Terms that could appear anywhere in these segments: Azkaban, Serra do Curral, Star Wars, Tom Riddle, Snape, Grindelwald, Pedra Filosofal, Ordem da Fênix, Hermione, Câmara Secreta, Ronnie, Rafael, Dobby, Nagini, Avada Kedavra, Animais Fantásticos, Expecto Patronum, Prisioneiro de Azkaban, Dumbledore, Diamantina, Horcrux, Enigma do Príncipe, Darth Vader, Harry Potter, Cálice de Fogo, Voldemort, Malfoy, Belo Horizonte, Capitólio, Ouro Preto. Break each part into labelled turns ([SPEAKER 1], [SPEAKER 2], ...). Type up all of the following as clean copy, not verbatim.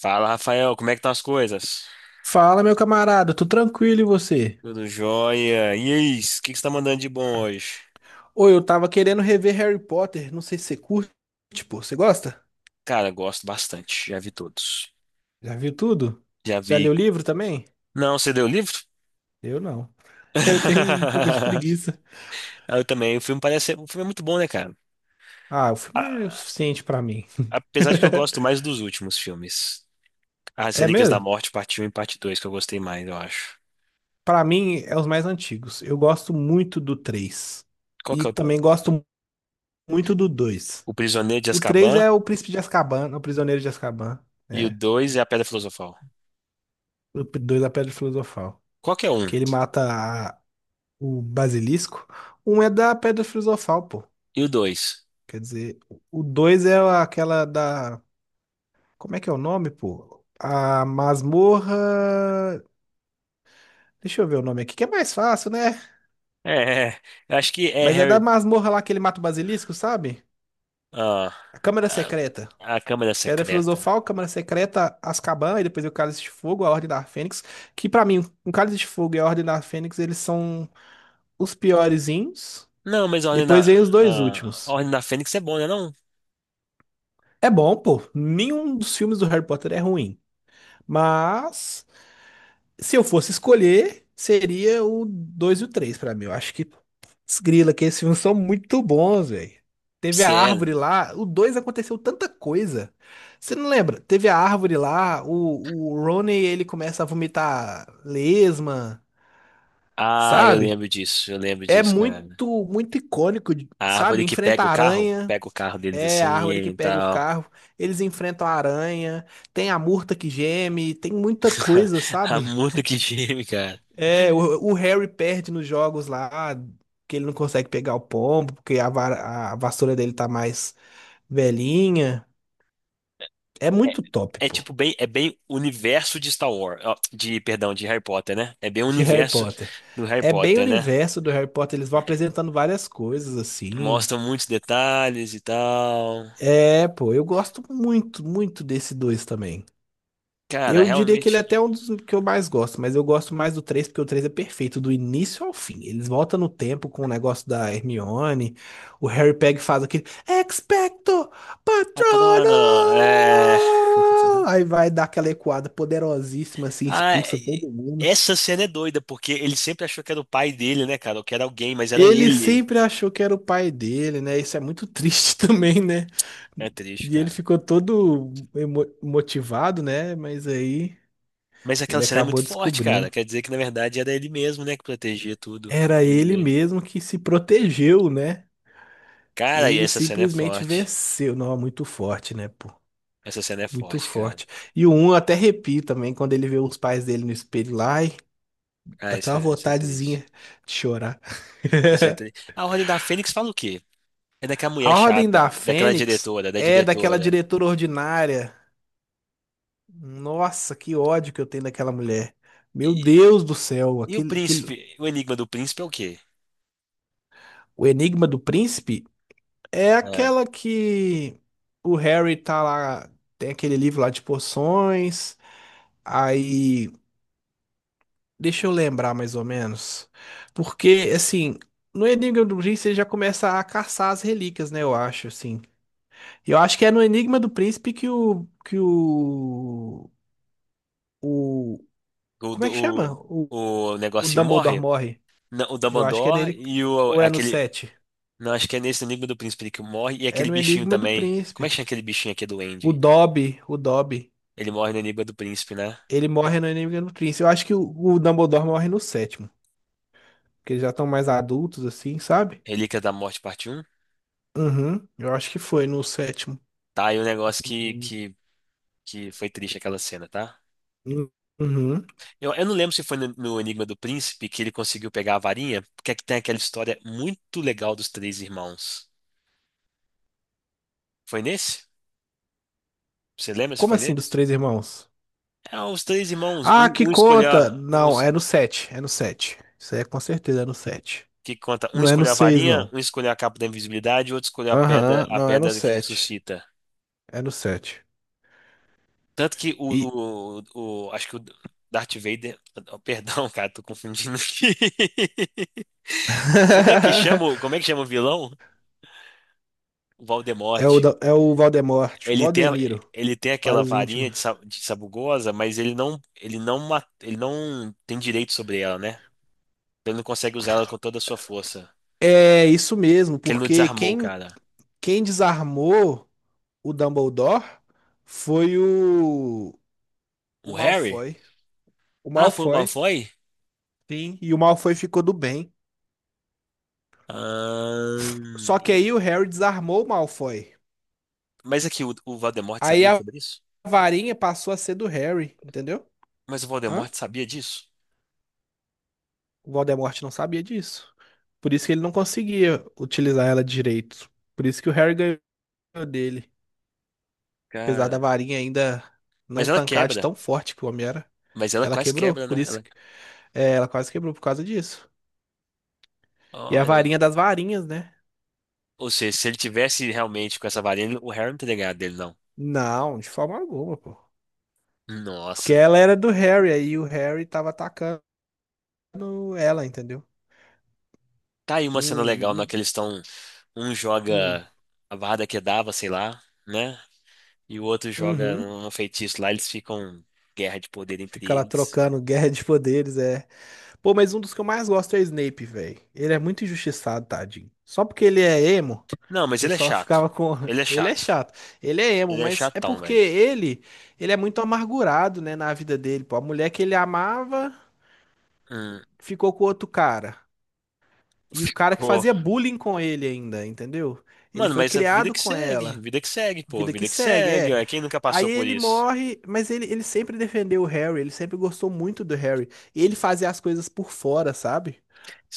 [SPEAKER 1] Fala, Rafael, como é que estão as coisas?
[SPEAKER 2] Fala, meu camarada, tô tranquilo e você?
[SPEAKER 1] Tudo jóia? E aí, o que que você tá mandando de bom hoje?
[SPEAKER 2] Ô, eu tava querendo rever Harry Potter, não sei se você curte, pô, você gosta?
[SPEAKER 1] Cara, gosto bastante, já vi todos.
[SPEAKER 2] Já viu tudo?
[SPEAKER 1] Já
[SPEAKER 2] Já leu
[SPEAKER 1] vi.
[SPEAKER 2] o livro também?
[SPEAKER 1] Não, você deu o livro?
[SPEAKER 2] Eu não. Eu tenho um pouco de preguiça.
[SPEAKER 1] Eu também, o filme parece, o filme é muito bom, né, cara?
[SPEAKER 2] Ah, o filme é o
[SPEAKER 1] A-
[SPEAKER 2] suficiente pra mim.
[SPEAKER 1] Apesar de que eu gosto mais dos últimos filmes. As
[SPEAKER 2] É
[SPEAKER 1] Relíquias da
[SPEAKER 2] mesmo?
[SPEAKER 1] Morte, parte Um e parte 2, que eu gostei mais, eu acho.
[SPEAKER 2] Pra mim, é os mais antigos. Eu gosto muito do três.
[SPEAKER 1] Qual
[SPEAKER 2] E
[SPEAKER 1] que é
[SPEAKER 2] também gosto muito do 2.
[SPEAKER 1] o Prisioneiro de
[SPEAKER 2] O 3
[SPEAKER 1] Azkaban
[SPEAKER 2] é o Príncipe de Azkaban, o Prisioneiro de Azkaban,
[SPEAKER 1] e o
[SPEAKER 2] né?
[SPEAKER 1] 2 é a Pedra Filosofal.
[SPEAKER 2] O 2 é a Pedra Filosofal.
[SPEAKER 1] Qual que é um?
[SPEAKER 2] Que ele mata a o basilisco. Um é da Pedra Filosofal, pô.
[SPEAKER 1] E o 2?
[SPEAKER 2] Quer dizer, o dois é aquela da. Como é que é o nome, pô? A masmorra. Deixa eu ver o nome aqui, que é mais fácil, né?
[SPEAKER 1] É, é, é. Eu acho que é
[SPEAKER 2] Mas é da
[SPEAKER 1] Harry.
[SPEAKER 2] masmorra lá que ele mata o basilisco, sabe?
[SPEAKER 1] Ah,
[SPEAKER 2] A Câmara Secreta.
[SPEAKER 1] a Câmara
[SPEAKER 2] Pedra
[SPEAKER 1] Secreta.
[SPEAKER 2] Filosofal, Câmara Secreta, Azkaban e depois o Cálice de Fogo, a Ordem da Fênix. Que pra mim, o Cálice de Fogo e a Ordem da Fênix, eles são os piorezinhos.
[SPEAKER 1] Não, mas a Ordem
[SPEAKER 2] Depois
[SPEAKER 1] da,
[SPEAKER 2] vem os dois
[SPEAKER 1] ah, a
[SPEAKER 2] últimos.
[SPEAKER 1] Ordem da Fênix é bom, né? Não?
[SPEAKER 2] É bom, pô. Nenhum dos filmes do Harry Potter é ruim. Mas se eu fosse escolher, seria o 2 e o 3 pra mim. Eu acho que desgrila que esses filmes são muito bons, velho. Teve a árvore
[SPEAKER 1] Sério.
[SPEAKER 2] lá, o 2 aconteceu tanta coisa. Você não lembra? Teve a árvore lá, o Ronnie ele começa a vomitar lesma, sabe?
[SPEAKER 1] Eu lembro
[SPEAKER 2] É
[SPEAKER 1] disso, cara.
[SPEAKER 2] muito, muito icônico,
[SPEAKER 1] A
[SPEAKER 2] sabe?
[SPEAKER 1] árvore que
[SPEAKER 2] Enfrenta a aranha,
[SPEAKER 1] pega o carro deles
[SPEAKER 2] é a
[SPEAKER 1] assim
[SPEAKER 2] árvore que
[SPEAKER 1] e
[SPEAKER 2] pega o
[SPEAKER 1] tal.
[SPEAKER 2] carro, eles enfrentam a aranha, tem a murta que geme, tem muita coisa,
[SPEAKER 1] Ah,
[SPEAKER 2] sabe?
[SPEAKER 1] muito que time, cara.
[SPEAKER 2] É, o Harry perde nos jogos lá, que ele não consegue pegar o pombo, porque a vassoura dele tá mais velhinha. É
[SPEAKER 1] É,
[SPEAKER 2] muito top,
[SPEAKER 1] é
[SPEAKER 2] pô,
[SPEAKER 1] tipo bem, é bem universo de Star Wars, ó, de, perdão, de Harry Potter, né? É bem o
[SPEAKER 2] de Harry
[SPEAKER 1] universo
[SPEAKER 2] Potter.
[SPEAKER 1] do Harry
[SPEAKER 2] É bem o
[SPEAKER 1] Potter, né?
[SPEAKER 2] universo do Harry Potter, eles vão apresentando várias coisas assim.
[SPEAKER 1] Mostra muitos detalhes e tal.
[SPEAKER 2] É, pô, eu gosto muito, muito desse dois também.
[SPEAKER 1] Cara,
[SPEAKER 2] Eu diria que ele é
[SPEAKER 1] realmente.
[SPEAKER 2] até um dos que eu mais gosto, mas eu gosto mais do 3 porque o 3 é perfeito, do início ao fim. Eles voltam no tempo com o negócio da Hermione, o Harry Peg faz aquele Expecto
[SPEAKER 1] Patrona, é...
[SPEAKER 2] Patronum! Aí vai dar aquela ecoada poderosíssima, assim,
[SPEAKER 1] Ah,
[SPEAKER 2] expulsa
[SPEAKER 1] e-
[SPEAKER 2] todo mundo.
[SPEAKER 1] essa cena é doida, porque ele sempre achou que era o pai dele, né, cara? Ou que era alguém, mas era
[SPEAKER 2] Ele
[SPEAKER 1] ele.
[SPEAKER 2] sempre achou que era o pai dele, né? Isso é muito triste também, né?
[SPEAKER 1] É triste,
[SPEAKER 2] E ele
[SPEAKER 1] cara.
[SPEAKER 2] ficou todo motivado, né? Mas aí
[SPEAKER 1] Mas aquela
[SPEAKER 2] ele
[SPEAKER 1] cena é muito
[SPEAKER 2] acabou
[SPEAKER 1] forte, cara.
[SPEAKER 2] descobrindo.
[SPEAKER 1] Quer dizer que, na verdade, era ele mesmo, né, que protegia tudo.
[SPEAKER 2] Era
[SPEAKER 1] Ele
[SPEAKER 2] ele
[SPEAKER 1] mesmo.
[SPEAKER 2] mesmo que se protegeu, né?
[SPEAKER 1] Cara, e
[SPEAKER 2] Ele
[SPEAKER 1] essa cena é
[SPEAKER 2] simplesmente
[SPEAKER 1] forte.
[SPEAKER 2] venceu. Não, é muito forte, né, pô?
[SPEAKER 1] Essa cena é
[SPEAKER 2] Muito
[SPEAKER 1] forte, cara.
[SPEAKER 2] forte. E o um eu até arrepio também quando ele vê os pais dele no espelho lá. Ai, dá até uma
[SPEAKER 1] Isso é triste.
[SPEAKER 2] vontadezinha de chorar.
[SPEAKER 1] Isso é triste. A Ordem da Fênix fala o quê? É daquela mulher
[SPEAKER 2] A Ordem
[SPEAKER 1] chata,
[SPEAKER 2] da
[SPEAKER 1] daquela
[SPEAKER 2] Fênix
[SPEAKER 1] diretora, da
[SPEAKER 2] é daquela
[SPEAKER 1] diretora.
[SPEAKER 2] diretora ordinária. Nossa, que ódio que eu tenho daquela mulher. Meu
[SPEAKER 1] E,
[SPEAKER 2] Deus do céu,
[SPEAKER 1] e o
[SPEAKER 2] aquele...
[SPEAKER 1] príncipe? O enigma do príncipe é o quê?
[SPEAKER 2] O Enigma do Príncipe é
[SPEAKER 1] É.
[SPEAKER 2] aquela que o Harry tá lá, tem aquele livro lá de poções. Aí, deixa eu lembrar mais ou menos. Porque, assim, no Enigma do Príncipe ele já começa a caçar as relíquias, né? Eu acho, assim. Eu acho que é no Enigma do Príncipe que o. Que o. O.
[SPEAKER 1] O,
[SPEAKER 2] Como é que chama?
[SPEAKER 1] do-
[SPEAKER 2] O,
[SPEAKER 1] o
[SPEAKER 2] o
[SPEAKER 1] negocinho
[SPEAKER 2] Dumbledore
[SPEAKER 1] morre.
[SPEAKER 2] morre.
[SPEAKER 1] Não, o
[SPEAKER 2] Eu acho que é
[SPEAKER 1] Dumbledore
[SPEAKER 2] nele.
[SPEAKER 1] e o
[SPEAKER 2] Ou é no
[SPEAKER 1] aquele.
[SPEAKER 2] 7?
[SPEAKER 1] Não, acho que é nesse no Enigma do Príncipe que morre. E
[SPEAKER 2] É
[SPEAKER 1] aquele
[SPEAKER 2] no
[SPEAKER 1] bichinho
[SPEAKER 2] Enigma do
[SPEAKER 1] também. Como é
[SPEAKER 2] Príncipe.
[SPEAKER 1] que chama aquele bichinho aqui do
[SPEAKER 2] O
[SPEAKER 1] Andy?
[SPEAKER 2] Dobby, o Dobby.
[SPEAKER 1] Ele morre no Enigma do Príncipe, né?
[SPEAKER 2] Ele morre no Enemy no Prince. Eu acho que o Dumbledore morre no sétimo. Porque eles já estão mais adultos, assim, sabe?
[SPEAKER 1] Relíquia da Morte, parte Um.
[SPEAKER 2] Uhum. Eu acho que foi no sétimo.
[SPEAKER 1] Tá, aí o negócio
[SPEAKER 2] Uhum.
[SPEAKER 1] que foi triste aquela cena, tá?
[SPEAKER 2] Uhum.
[SPEAKER 1] Eu não lembro se foi no Enigma do Príncipe que ele conseguiu pegar a varinha, porque é que tem aquela história muito legal dos três irmãos. Foi nesse? Você lembra se
[SPEAKER 2] Como
[SPEAKER 1] foi
[SPEAKER 2] assim, dos
[SPEAKER 1] nesse?
[SPEAKER 2] três irmãos?
[SPEAKER 1] É, os três irmãos,
[SPEAKER 2] Ah, que
[SPEAKER 1] um escolheu.
[SPEAKER 2] conta! Não, é no sete. É no sete. Isso aí é com certeza, é no sete.
[SPEAKER 1] Que conta? Um
[SPEAKER 2] Não é no
[SPEAKER 1] escolher a
[SPEAKER 2] seis,
[SPEAKER 1] varinha,
[SPEAKER 2] não.
[SPEAKER 1] um escolher a capa da invisibilidade, outro escolher
[SPEAKER 2] Aham,
[SPEAKER 1] a
[SPEAKER 2] não, é no
[SPEAKER 1] pedra que
[SPEAKER 2] sete.
[SPEAKER 1] ressuscita.
[SPEAKER 2] É no sete.
[SPEAKER 1] Tanto que
[SPEAKER 2] E...
[SPEAKER 1] acho que o Darth Vader, oh, perdão, cara, tô confundindo aqui. Como é que chama, como é que chama o vilão? O
[SPEAKER 2] é o,
[SPEAKER 1] Voldemort.
[SPEAKER 2] da- é o Valdemort. O
[SPEAKER 1] Ele tem, a-
[SPEAKER 2] Valdemiro,
[SPEAKER 1] ele tem
[SPEAKER 2] para
[SPEAKER 1] aquela
[SPEAKER 2] os
[SPEAKER 1] varinha
[SPEAKER 2] íntimos.
[SPEAKER 1] de sabugosa, mas ele não tem direito sobre ela, né? Então ele não consegue usar ela com toda a sua força.
[SPEAKER 2] É isso mesmo,
[SPEAKER 1] Que ele não
[SPEAKER 2] porque
[SPEAKER 1] desarmou,
[SPEAKER 2] quem,
[SPEAKER 1] cara.
[SPEAKER 2] quem desarmou o Dumbledore foi o
[SPEAKER 1] O Harry?
[SPEAKER 2] Malfoy. O
[SPEAKER 1] Ah, foi o
[SPEAKER 2] Malfoy,
[SPEAKER 1] Malfoy?
[SPEAKER 2] sim, e o Malfoy ficou do bem.
[SPEAKER 1] Ah,
[SPEAKER 2] Só que aí o Harry desarmou o Malfoy.
[SPEAKER 1] mas é que o Voldemort
[SPEAKER 2] Aí
[SPEAKER 1] sabia
[SPEAKER 2] a
[SPEAKER 1] sobre isso?
[SPEAKER 2] varinha passou a ser do Harry, entendeu?
[SPEAKER 1] Mas o
[SPEAKER 2] Hã?
[SPEAKER 1] Voldemort sabia disso?
[SPEAKER 2] O Voldemort não sabia disso. Por isso que ele não conseguia utilizar ela direito. Por isso que o Harry ganhou dele. Apesar da
[SPEAKER 1] Cara.
[SPEAKER 2] varinha ainda não
[SPEAKER 1] Mas ela
[SPEAKER 2] tancar de
[SPEAKER 1] quebra.
[SPEAKER 2] tão forte que o homem era.
[SPEAKER 1] Mas ela
[SPEAKER 2] Ela
[SPEAKER 1] quase
[SPEAKER 2] quebrou,
[SPEAKER 1] quebra,
[SPEAKER 2] por
[SPEAKER 1] né?
[SPEAKER 2] isso
[SPEAKER 1] Ela...
[SPEAKER 2] que é, ela quase quebrou por causa disso. E a
[SPEAKER 1] Olha.
[SPEAKER 2] varinha das varinhas, né?
[SPEAKER 1] Ou seja, se ele tivesse realmente com essa varinha, o Harry não teria ganhado dele, não.
[SPEAKER 2] Não, de forma alguma, pô. Porque
[SPEAKER 1] Nossa.
[SPEAKER 2] ela era do Harry, aí o Harry tava atacando ela, entendeu?
[SPEAKER 1] Tá aí uma cena legal
[SPEAKER 2] Hum,
[SPEAKER 1] na
[SPEAKER 2] hum,
[SPEAKER 1] que eles estão. Um
[SPEAKER 2] hum.
[SPEAKER 1] joga a Avada Kedavra, sei lá, né? E o outro joga
[SPEAKER 2] Uhum.
[SPEAKER 1] um feitiço lá, eles ficam guerra de poder entre
[SPEAKER 2] Fica lá
[SPEAKER 1] eles.
[SPEAKER 2] trocando guerra de poderes, é. Pô, mas um dos que eu mais gosto é o Snape, velho. Ele é muito injustiçado, tadinho. Só porque ele é emo,
[SPEAKER 1] Não,
[SPEAKER 2] o
[SPEAKER 1] mas ele é
[SPEAKER 2] pessoal
[SPEAKER 1] chato.
[SPEAKER 2] ficava com.
[SPEAKER 1] Ele é
[SPEAKER 2] Ele é
[SPEAKER 1] chato.
[SPEAKER 2] chato. Ele é emo,
[SPEAKER 1] Ele é
[SPEAKER 2] mas é
[SPEAKER 1] chatão,
[SPEAKER 2] porque
[SPEAKER 1] velho.
[SPEAKER 2] ele é muito amargurado, né, na vida dele, pô. A mulher que ele amava
[SPEAKER 1] Hum.
[SPEAKER 2] ficou com outro cara. E o cara que fazia bullying com ele ainda, entendeu? Ele
[SPEAKER 1] Mano,
[SPEAKER 2] foi
[SPEAKER 1] mas a
[SPEAKER 2] criado com ela.
[SPEAKER 1] vida que segue, pô,
[SPEAKER 2] Vida que
[SPEAKER 1] vida que
[SPEAKER 2] segue,
[SPEAKER 1] segue,
[SPEAKER 2] é.
[SPEAKER 1] ué, quem nunca
[SPEAKER 2] Aí
[SPEAKER 1] passou por
[SPEAKER 2] ele
[SPEAKER 1] isso?
[SPEAKER 2] morre, mas ele sempre defendeu o Harry, ele sempre gostou muito do Harry. E ele fazia as coisas por fora, sabe?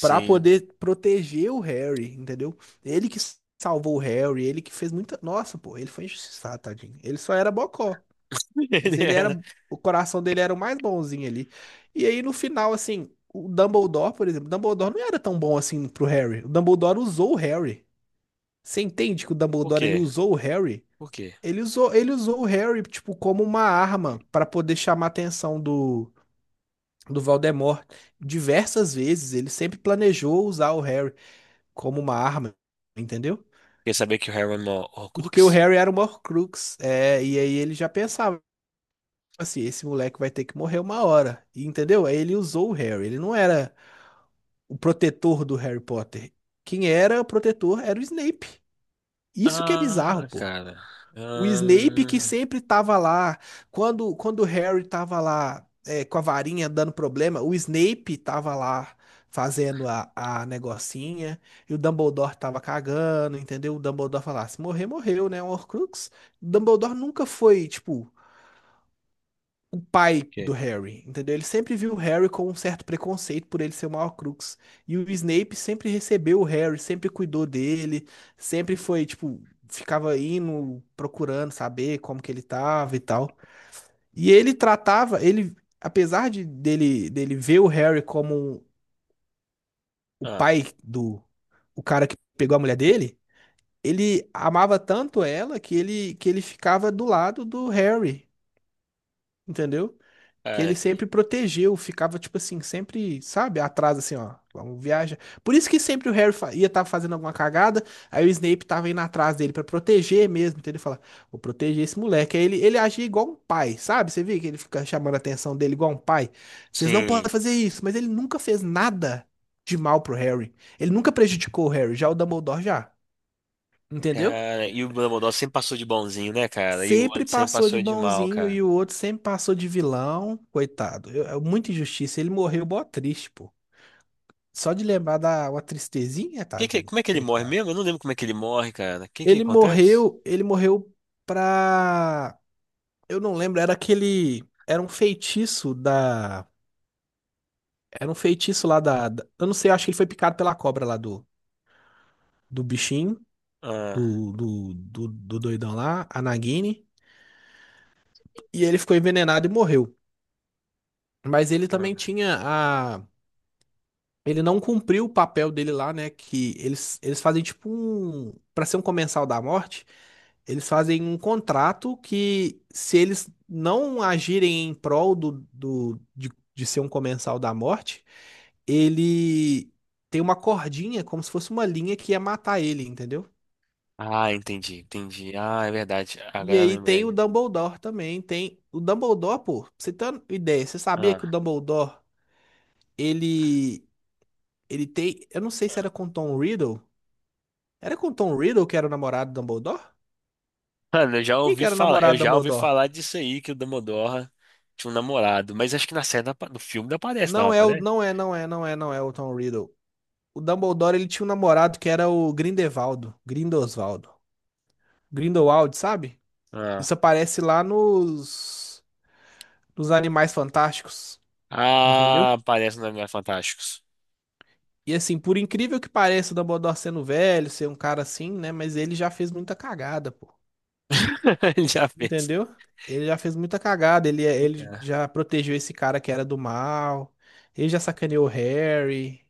[SPEAKER 2] Pra poder proteger o Harry, entendeu? Ele que salvou o Harry, ele que fez muita. Nossa, pô, ele foi injustiçado, tadinho. Ele só era bocó.
[SPEAKER 1] ele
[SPEAKER 2] Mas ele
[SPEAKER 1] era.
[SPEAKER 2] era, o coração dele era o mais bonzinho ali. E aí no final, assim, o Dumbledore, por exemplo, o Dumbledore não era tão bom assim pro Harry. O Dumbledore usou o Harry. Você entende que o
[SPEAKER 1] Por
[SPEAKER 2] Dumbledore ele
[SPEAKER 1] quê?
[SPEAKER 2] usou o Harry?
[SPEAKER 1] Por quê?
[SPEAKER 2] Ele usou o Harry tipo como uma arma pra poder chamar a atenção do Voldemort. Diversas vezes ele sempre planejou usar o Harry como uma arma, entendeu?
[SPEAKER 1] Quer saber que o Harry era um
[SPEAKER 2] Porque o
[SPEAKER 1] Horcrux?
[SPEAKER 2] Harry era o Horcrux, é, e aí ele já pensava tipo assim, esse moleque vai ter que morrer uma hora. E, entendeu? Aí ele usou o Harry. Ele não era o protetor do Harry Potter. Quem era o protetor era o Snape. Isso que é bizarro,
[SPEAKER 1] Ah,
[SPEAKER 2] pô.
[SPEAKER 1] cara.
[SPEAKER 2] O Snape que
[SPEAKER 1] Ah,
[SPEAKER 2] sempre tava lá. Quando o Harry tava lá é, com a varinha dando problema, o Snape tava lá fazendo a negocinha. E o Dumbledore tava cagando, entendeu? O Dumbledore falava, se morrer, morreu, né? Um Horcrux. O Dumbledore nunca foi, tipo o pai
[SPEAKER 1] quê?
[SPEAKER 2] do Harry, entendeu? Ele sempre viu o Harry com um certo preconceito por ele ser o Horcrux. E o Snape sempre recebeu o Harry, sempre cuidou dele, sempre foi, tipo, ficava indo, procurando saber como que ele tava e tal. E ele tratava, ele, apesar de dele ver o Harry como o
[SPEAKER 1] Ah,
[SPEAKER 2] pai do, o cara que pegou a mulher dele, ele amava tanto ela que ele ficava do lado do Harry, entendeu? Que
[SPEAKER 1] cara,
[SPEAKER 2] ele sempre protegeu, ficava tipo assim, sempre, sabe, atrás assim, ó, vamos viajar. Por isso que sempre o Harry ia estar fazendo alguma cagada, aí o Snape tava indo atrás dele pra proteger mesmo, então ele fala, vou proteger esse moleque. Aí ele agia igual um pai, sabe? Você vê que ele fica chamando a atenção dele igual um pai. Vocês não
[SPEAKER 1] sim.
[SPEAKER 2] podem fazer isso, mas ele nunca fez nada de mal pro Harry. Ele nunca prejudicou o Harry, já o Dumbledore já, entendeu?
[SPEAKER 1] Cara, e o Dumbledore sempre passou de bonzinho, né, cara? E o
[SPEAKER 2] Sempre
[SPEAKER 1] outro sempre
[SPEAKER 2] passou de
[SPEAKER 1] passou de mal,
[SPEAKER 2] bonzinho
[SPEAKER 1] cara.
[SPEAKER 2] e o outro sempre passou de vilão. Coitado, é muita injustiça. Ele morreu mó triste, pô. Só de lembrar da uma tristezinha, tadinho.
[SPEAKER 1] Como é que ele morre
[SPEAKER 2] Coitado.
[SPEAKER 1] mesmo? Eu não lembro como é que ele morre, cara. O que que
[SPEAKER 2] Ele
[SPEAKER 1] acontece?
[SPEAKER 2] morreu, ele morreu pra. Eu não lembro, era aquele. Era um feitiço da. Era um feitiço lá da. Eu não sei, eu acho que ele foi picado pela cobra lá do bichinho,
[SPEAKER 1] Ah,
[SPEAKER 2] do doidão lá, a Nagini. E ele ficou envenenado e morreu. Mas ele também
[SPEAKER 1] ah,
[SPEAKER 2] tinha a. Ele não cumpriu o papel dele lá, né? Que eles fazem tipo um. Pra ser um comensal da morte, eles fazem um contrato que, se eles não agirem em prol de ser um comensal da morte, ele tem uma cordinha, como se fosse uma linha que ia matar ele, entendeu?
[SPEAKER 1] Ah, entendi, entendi. Ah, é verdade.
[SPEAKER 2] E
[SPEAKER 1] Agora eu
[SPEAKER 2] aí tem o
[SPEAKER 1] lembrei.
[SPEAKER 2] Dumbledore também, tem o Dumbledore, pô, pra você ter uma ideia, você sabia que o
[SPEAKER 1] Ah.
[SPEAKER 2] Dumbledore, ele ele tem, eu não sei se era com Tom Riddle, era com o Tom Riddle que era o namorado do Dumbledore?
[SPEAKER 1] Mano,
[SPEAKER 2] Quem que era o
[SPEAKER 1] eu
[SPEAKER 2] namorado do
[SPEAKER 1] já ouvi
[SPEAKER 2] Dumbledore?
[SPEAKER 1] falar disso aí, que o Dumbledore tinha um namorado, mas acho que na série, no filme não aparece, não
[SPEAKER 2] Não é o,
[SPEAKER 1] aparece?
[SPEAKER 2] não é, não é, não é, não é o Tom Riddle. O Dumbledore, ele tinha um namorado que era o Grindelwaldo, Grindosvaldo. Grindelwald, sabe?
[SPEAKER 1] Ah,
[SPEAKER 2] Isso aparece lá nos Animais Fantásticos,
[SPEAKER 1] ah,
[SPEAKER 2] entendeu?
[SPEAKER 1] aparece nos Animais Fantásticos.
[SPEAKER 2] E assim, por incrível que pareça o Dumbledore sendo velho, ser um cara assim, né, mas ele já fez muita cagada, pô.
[SPEAKER 1] Ele já fez.
[SPEAKER 2] Entendeu? Ele já fez muita cagada, ele é, ele
[SPEAKER 1] Ah,
[SPEAKER 2] já protegeu esse cara que era do mal. Ele já sacaneou o Harry.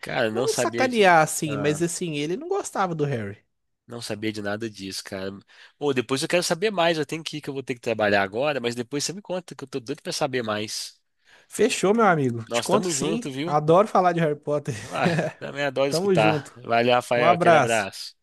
[SPEAKER 1] Cara, eu não
[SPEAKER 2] Não
[SPEAKER 1] sabia de,
[SPEAKER 2] sacanear assim, mas
[SPEAKER 1] ah,
[SPEAKER 2] assim, ele não gostava do Harry.
[SPEAKER 1] não sabia de nada disso, cara. Ou depois eu quero saber mais, eu tenho que ir, que eu vou ter que trabalhar agora, mas depois você me conta, que eu tô doido pra saber mais.
[SPEAKER 2] Fechou, meu amigo. Te
[SPEAKER 1] Nós
[SPEAKER 2] conto
[SPEAKER 1] tamo
[SPEAKER 2] sim.
[SPEAKER 1] junto, viu?
[SPEAKER 2] Adoro falar de Harry Potter.
[SPEAKER 1] Ah, também adoro
[SPEAKER 2] Tamo
[SPEAKER 1] escutar.
[SPEAKER 2] junto.
[SPEAKER 1] Valeu,
[SPEAKER 2] Um
[SPEAKER 1] Rafael, aquele
[SPEAKER 2] abraço.
[SPEAKER 1] abraço.